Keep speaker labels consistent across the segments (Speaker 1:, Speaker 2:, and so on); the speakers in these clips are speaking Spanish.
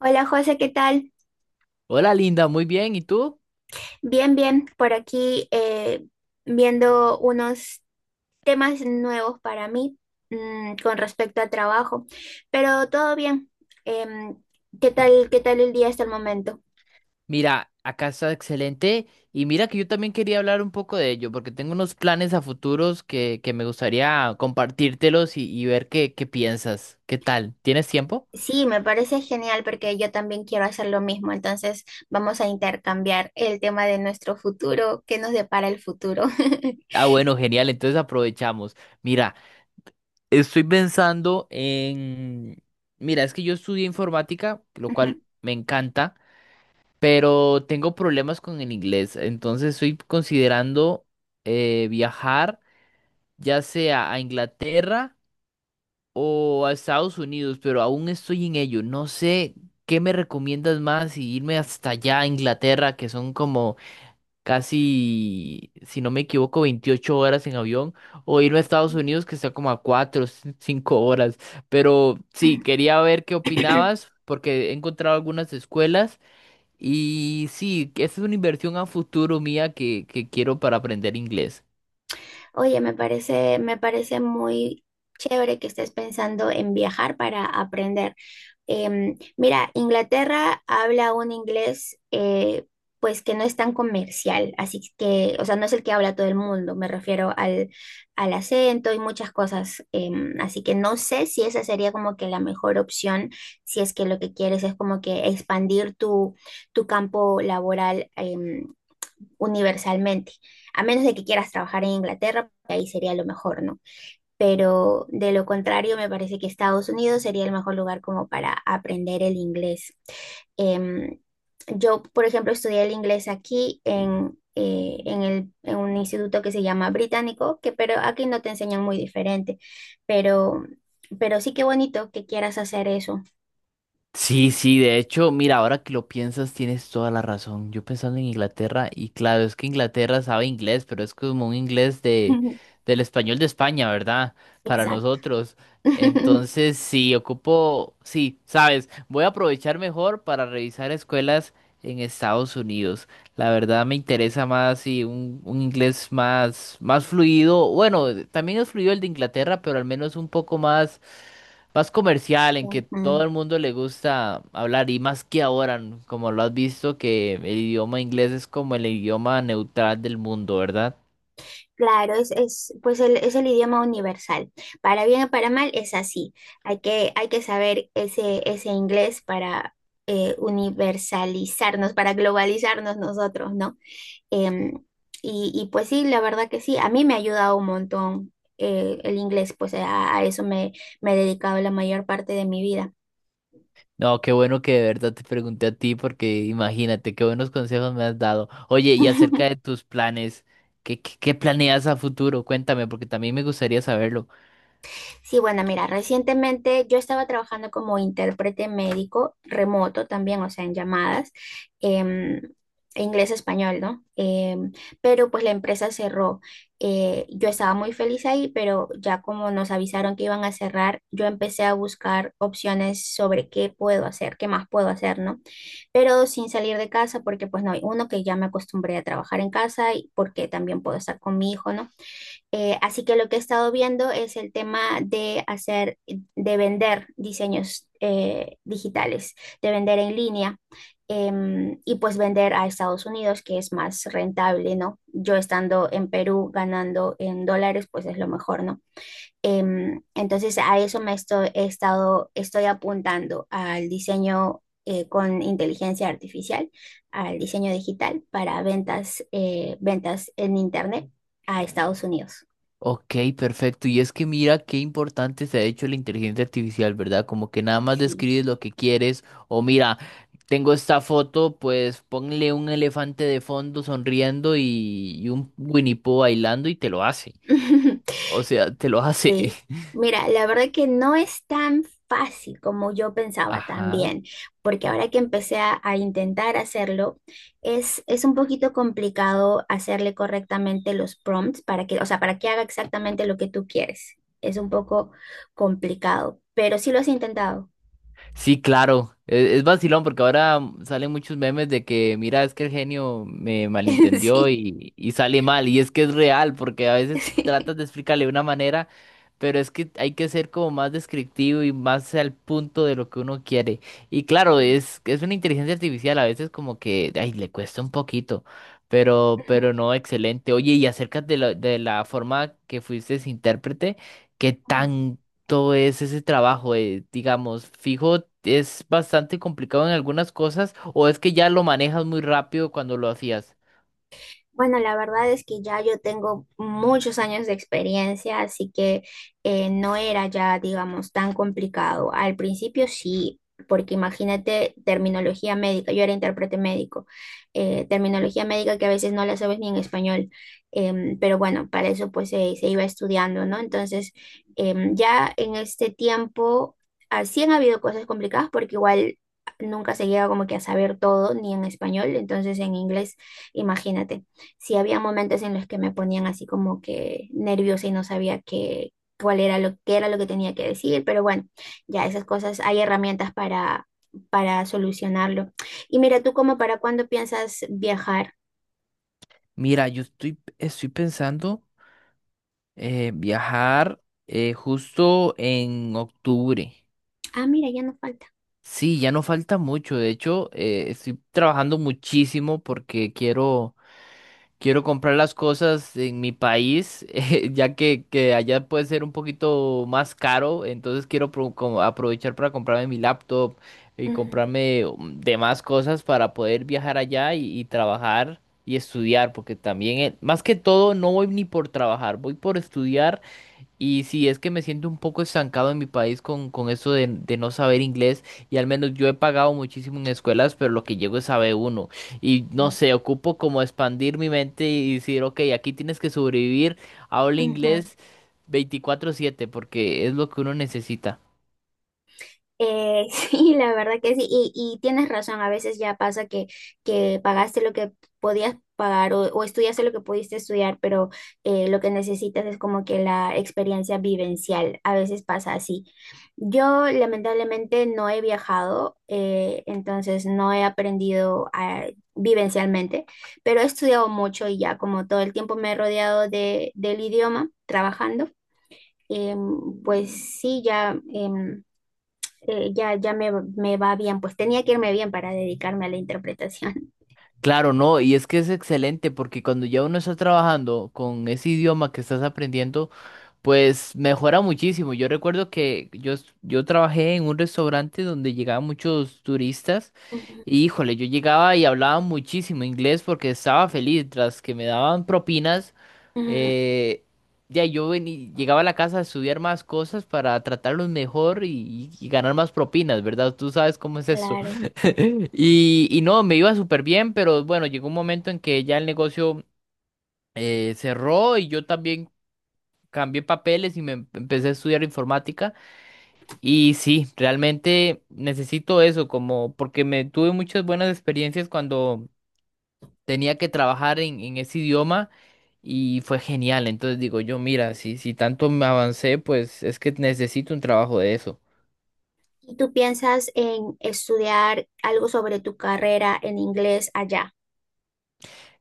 Speaker 1: Hola José, ¿qué tal?
Speaker 2: Hola Linda, muy bien. ¿Y tú?
Speaker 1: Bien, bien, por aquí viendo unos temas nuevos para mí con respecto a trabajo, pero todo bien. Em, qué tal el día hasta el momento?
Speaker 2: Mira, acá está excelente. Y mira que yo también quería hablar un poco de ello, porque tengo unos planes a futuros que me gustaría compartírtelos y ver qué piensas. ¿Qué tal? ¿Tienes tiempo?
Speaker 1: Sí, me parece genial porque yo también quiero hacer lo mismo, entonces vamos a intercambiar el tema de nuestro futuro, qué nos depara el futuro.
Speaker 2: Ah, bueno, genial. Entonces aprovechamos. Mira, estoy pensando en... Mira, es que yo estudié informática, lo
Speaker 1: Ujú.
Speaker 2: cual me encanta, pero tengo problemas con el inglés. Entonces estoy considerando viajar, ya sea a Inglaterra o a Estados Unidos, pero aún estoy en ello. No sé qué me recomiendas más, si irme hasta allá a Inglaterra, que son como casi, si no me equivoco, 28 horas en avión, o irme a Estados Unidos, que está como a 4, 5 horas. Pero sí, quería ver qué opinabas, porque he encontrado algunas escuelas. Y sí, que esa es una inversión a futuro mía que quiero para aprender inglés.
Speaker 1: Oye, me parece muy chévere que estés pensando en viajar para aprender. Mira, Inglaterra habla un inglés pues que no es tan comercial, así que, o sea, no es el que habla todo el mundo, me refiero al acento y muchas cosas, así que no sé si esa sería como que la mejor opción, si es que lo que quieres es como que expandir tu campo laboral universalmente, a menos de que quieras trabajar en Inglaterra, ahí sería lo mejor, ¿no? Pero de lo contrario me parece que Estados Unidos sería el mejor lugar como para aprender el inglés. Em, yo, por ejemplo, estudié el inglés aquí en un instituto que se llama Británico, que pero aquí no te enseñan muy diferente, pero, pero sí que bonito que quieras hacer eso.
Speaker 2: Sí, sí, de hecho, mira, ahora que lo piensas, tienes toda la razón. Yo pensando en Inglaterra, y claro, es que Inglaterra sabe inglés, pero es como un del español de España, ¿verdad? Para
Speaker 1: Exacto.
Speaker 2: nosotros. Entonces, sí, ocupo, sí, sabes, voy a aprovechar mejor para revisar escuelas en Estados Unidos. La verdad me interesa más sí, un inglés más, más fluido. Bueno, también es fluido el de Inglaterra, pero al menos un poco más, más comercial, en que todo
Speaker 1: Ujú.
Speaker 2: el mundo le gusta hablar. Y más que ahora, como lo has visto, que el idioma inglés es como el idioma neutral del mundo, ¿verdad?
Speaker 1: Claro, es el idioma universal. Para bien o para mal es así. Hay que saber ese inglés para universalizarnos, para globalizarnos nosotros, ¿no? Em, y pues sí, la verdad que sí, a mí me ha ayudado un montón el inglés, pues a eso me he dedicado la mayor parte de mi vida.
Speaker 2: No, qué bueno que de verdad te pregunté a ti, porque imagínate, qué buenos consejos me has dado. Oye, y acerca de tus planes, qué planeas a futuro? Cuéntame, porque también me gustaría saberlo.
Speaker 1: Sí, bueno, mira, recientemente yo estaba trabajando como intérprete médico remoto también, o sea, en llamadas, em, inglés-español, ¿no? Pero pues la empresa cerró. Yo estaba muy feliz ahí, pero ya como nos avisaron que iban a cerrar, yo empecé a buscar opciones sobre qué puedo hacer, qué más puedo hacer, ¿no? Pero sin salir de casa, porque pues no, uno que ya me acostumbré a trabajar en casa y porque también puedo estar con mi hijo, ¿no? Así que lo que he estado viendo es el tema de vender diseños digitales, de vender en línea y pues vender a Estados Unidos, que es más rentable, ¿no? Yo estando en Perú ganando en dólares, pues es lo mejor, ¿no? Entonces a eso me estoy, he estado, estoy apuntando al diseño con inteligencia artificial, al diseño digital para ventas, ventas en Internet a Estados Unidos.
Speaker 2: Ok, perfecto. Y es que mira qué importante se ha hecho la inteligencia artificial, ¿verdad? Como que nada más
Speaker 1: Sí.
Speaker 2: describes lo que quieres o mira, tengo esta foto, pues ponle un elefante de fondo sonriendo y un Winnie Pooh bailando y te lo hace. O sea, te lo hace.
Speaker 1: Sí. Mira, la verdad que no es tan fácil como yo pensaba
Speaker 2: Ajá.
Speaker 1: también, porque ahora que empecé a intentar hacerlo, es un poquito complicado hacerle correctamente los prompts para que, o sea, para que haga exactamente lo que tú quieres. Es un poco complicado, pero sí lo has intentado.
Speaker 2: Sí, claro. Es vacilón porque ahora salen muchos memes de que, mira, es que el genio me malentendió
Speaker 1: Sí,
Speaker 2: y sale mal. Y es que es real porque a veces
Speaker 1: sí.
Speaker 2: tratas de explicarle de una manera, pero es que hay que ser como más descriptivo y más al punto de lo que uno quiere. Y claro,
Speaker 1: Sí.
Speaker 2: es una inteligencia artificial, a veces como que, ay, le cuesta un poquito, pero no, excelente. Oye, y acerca de de la forma que fuiste intérprete. ¿Qué tan todo es ese trabajo, digamos, fijo, es bastante complicado en algunas cosas o es que ya lo manejas muy rápido cuando lo hacías?
Speaker 1: Bueno, la verdad es que ya yo tengo muchos años de experiencia, así que no era ya, digamos, tan complicado. Al principio sí, porque imagínate terminología médica, yo era intérprete médico, terminología médica que a veces no la sabes ni en español, pero bueno, para eso pues se iba estudiando, ¿no? Entonces, ya en este tiempo, así han habido cosas complicadas porque igual. Nunca se llega como que a saber todo, ni en español, entonces en inglés, imagínate sí había momentos en los que me ponían así como que nerviosa y no sabía qué era lo que tenía que decir, pero bueno, ya esas cosas, hay herramientas para solucionarlo. Y mira, tú como para cuándo piensas viajar.
Speaker 2: Mira, yo estoy pensando viajar justo en octubre.
Speaker 1: Ah, mira, ya no falta.
Speaker 2: Sí, ya no falta mucho, de hecho, estoy trabajando muchísimo porque quiero... Quiero comprar las cosas en mi país, ya que allá puede ser un poquito más caro, entonces quiero como aprovechar para comprarme mi laptop y
Speaker 1: Ujú,
Speaker 2: comprarme demás cosas para poder viajar allá y trabajar y estudiar, porque también, más que todo, no voy ni por trabajar, voy por estudiar, y si es que me siento un poco estancado en mi país con eso de no saber inglés, y al menos yo he pagado muchísimo en escuelas, pero lo que llego es a B1. Y no sé, ocupo como expandir mi mente y decir, ok, aquí tienes que sobrevivir, habla
Speaker 1: ujú.
Speaker 2: inglés 24/7, porque es lo que uno necesita.
Speaker 1: Sí, la verdad que sí, y tienes razón, a veces ya pasa que pagaste lo que podías pagar o estudiaste lo que pudiste estudiar, pero lo que necesitas es como que la experiencia vivencial, a veces pasa así. Yo lamentablemente no he viajado, entonces no he aprendido vivencialmente, pero he estudiado mucho y ya como todo el tiempo me he rodeado del idioma trabajando, pues sí, ya... ya me va bien, pues tenía que irme bien para dedicarme a la interpretación.
Speaker 2: Claro, no, y es que es excelente porque cuando ya uno está trabajando con ese idioma que estás aprendiendo, pues mejora muchísimo. Yo recuerdo que yo trabajé en un restaurante donde llegaban muchos turistas,
Speaker 1: Ujú,
Speaker 2: y híjole, yo llegaba y hablaba muchísimo inglés porque estaba feliz tras que me daban propinas.
Speaker 1: ujú.
Speaker 2: eh, ya llegaba a la casa a estudiar más cosas para tratarlos mejor y ganar más propinas, ¿verdad? Tú sabes cómo es eso.
Speaker 1: Claro.
Speaker 2: Y no, me iba súper bien, pero bueno, llegó un momento en que ya el negocio cerró y yo también cambié papeles y me empecé a estudiar informática. Y sí, realmente necesito eso, como porque me tuve muchas buenas experiencias cuando tenía que trabajar en ese idioma y fue genial. Entonces digo yo, mira, si tanto me avancé, pues es que necesito un trabajo de eso.
Speaker 1: ¿Y tú piensas en estudiar algo sobre tu carrera en inglés allá?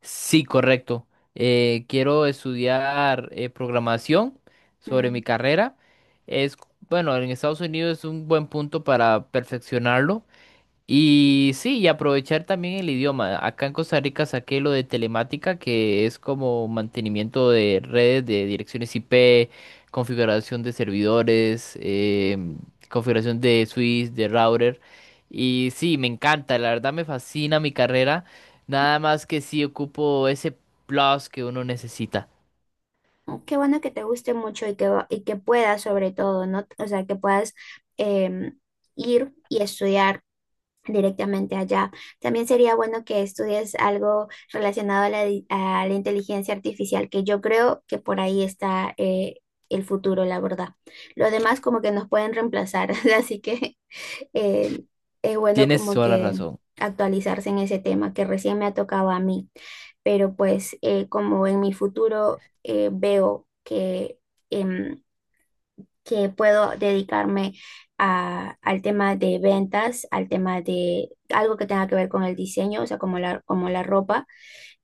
Speaker 2: Sí, correcto. Quiero estudiar programación sobre mi
Speaker 1: Mm,
Speaker 2: carrera. Es, bueno, en Estados Unidos es un buen punto para perfeccionarlo. Y sí, y aprovechar también el idioma. Acá en Costa Rica saqué lo de telemática, que es como mantenimiento de redes de direcciones IP, configuración de servidores,
Speaker 1: mm.
Speaker 2: configuración de switch, de router. Y sí, me encanta, la verdad me fascina mi carrera. Nada más que sí ocupo ese plus que uno necesita.
Speaker 1: Qué bueno que te guste mucho y que puedas sobre todo, ¿no? O sea, que puedas em, ir y estudiar directamente allá. También sería bueno que estudies algo relacionado a la inteligencia artificial, que yo creo que por ahí está el futuro, la verdad. Lo demás como que nos pueden reemplazar, así que eh, es bueno
Speaker 2: Tienes
Speaker 1: como
Speaker 2: toda la
Speaker 1: que
Speaker 2: razón.
Speaker 1: actualizarse en ese tema que recién me ha tocado a mí, pero pues como en mi futuro veo que... em, que puedo dedicarme al tema de ventas, al tema de algo que tenga que ver con el diseño, o sea, como la ropa,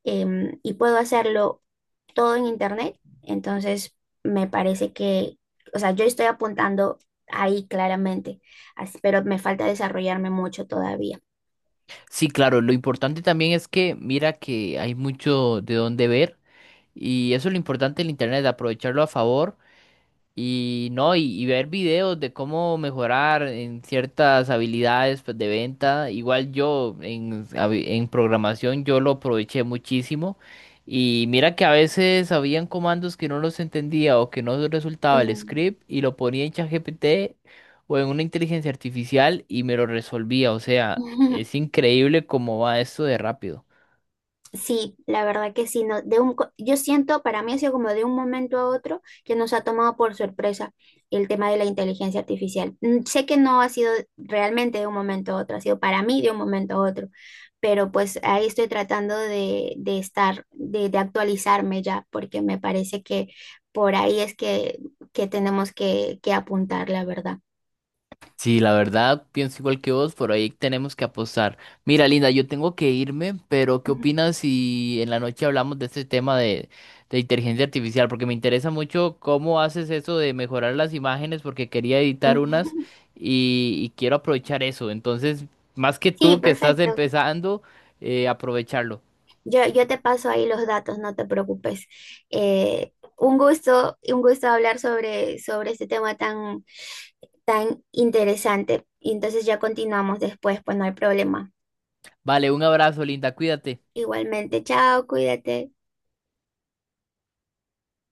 Speaker 1: y puedo hacerlo todo en internet. Entonces, me parece que, o sea, yo estoy apuntando ahí claramente, pero me falta desarrollarme mucho todavía.
Speaker 2: Sí, claro, lo importante también es que mira que hay mucho de dónde ver. Y eso es lo importante del internet, aprovecharlo a favor y no, y ver videos de cómo mejorar en ciertas habilidades pues, de venta. Igual yo en programación yo lo aproveché muchísimo. Y mira que a veces habían comandos que no los entendía o que no resultaba el
Speaker 1: Mm.
Speaker 2: script y lo ponía en ChatGPT o en una inteligencia artificial y me lo resolvía. O sea, es increíble cómo va esto de rápido.
Speaker 1: Sí, la verdad que sí, no, yo siento, para mí ha sido como de un momento a otro que nos ha tomado por sorpresa el tema de la inteligencia artificial. Sé que no ha sido realmente de un momento a otro, ha sido para mí de un momento a otro, pero pues ahí estoy tratando de actualizarme ya, porque me parece que por ahí es que tenemos que apuntar, la verdad.
Speaker 2: Sí, la verdad, pienso igual que vos, por ahí tenemos que apostar. Mira, Linda, yo tengo que irme, pero ¿qué
Speaker 1: Ujú.
Speaker 2: opinas si en la noche hablamos de este tema de inteligencia artificial? Porque me interesa mucho cómo haces eso de mejorar las imágenes, porque quería editar unas y quiero aprovechar eso. Entonces, más que
Speaker 1: Sí,
Speaker 2: tú que estás
Speaker 1: perfecto.
Speaker 2: empezando, aprovecharlo.
Speaker 1: Yo te paso ahí los datos, no te preocupes. Eh, un gusto, un gusto hablar sobre este tema tan, tan interesante. Y entonces ya continuamos después, pues no hay problema.
Speaker 2: Vale, un abrazo, Linda, cuídate.
Speaker 1: Igualmente, chao, cuídate.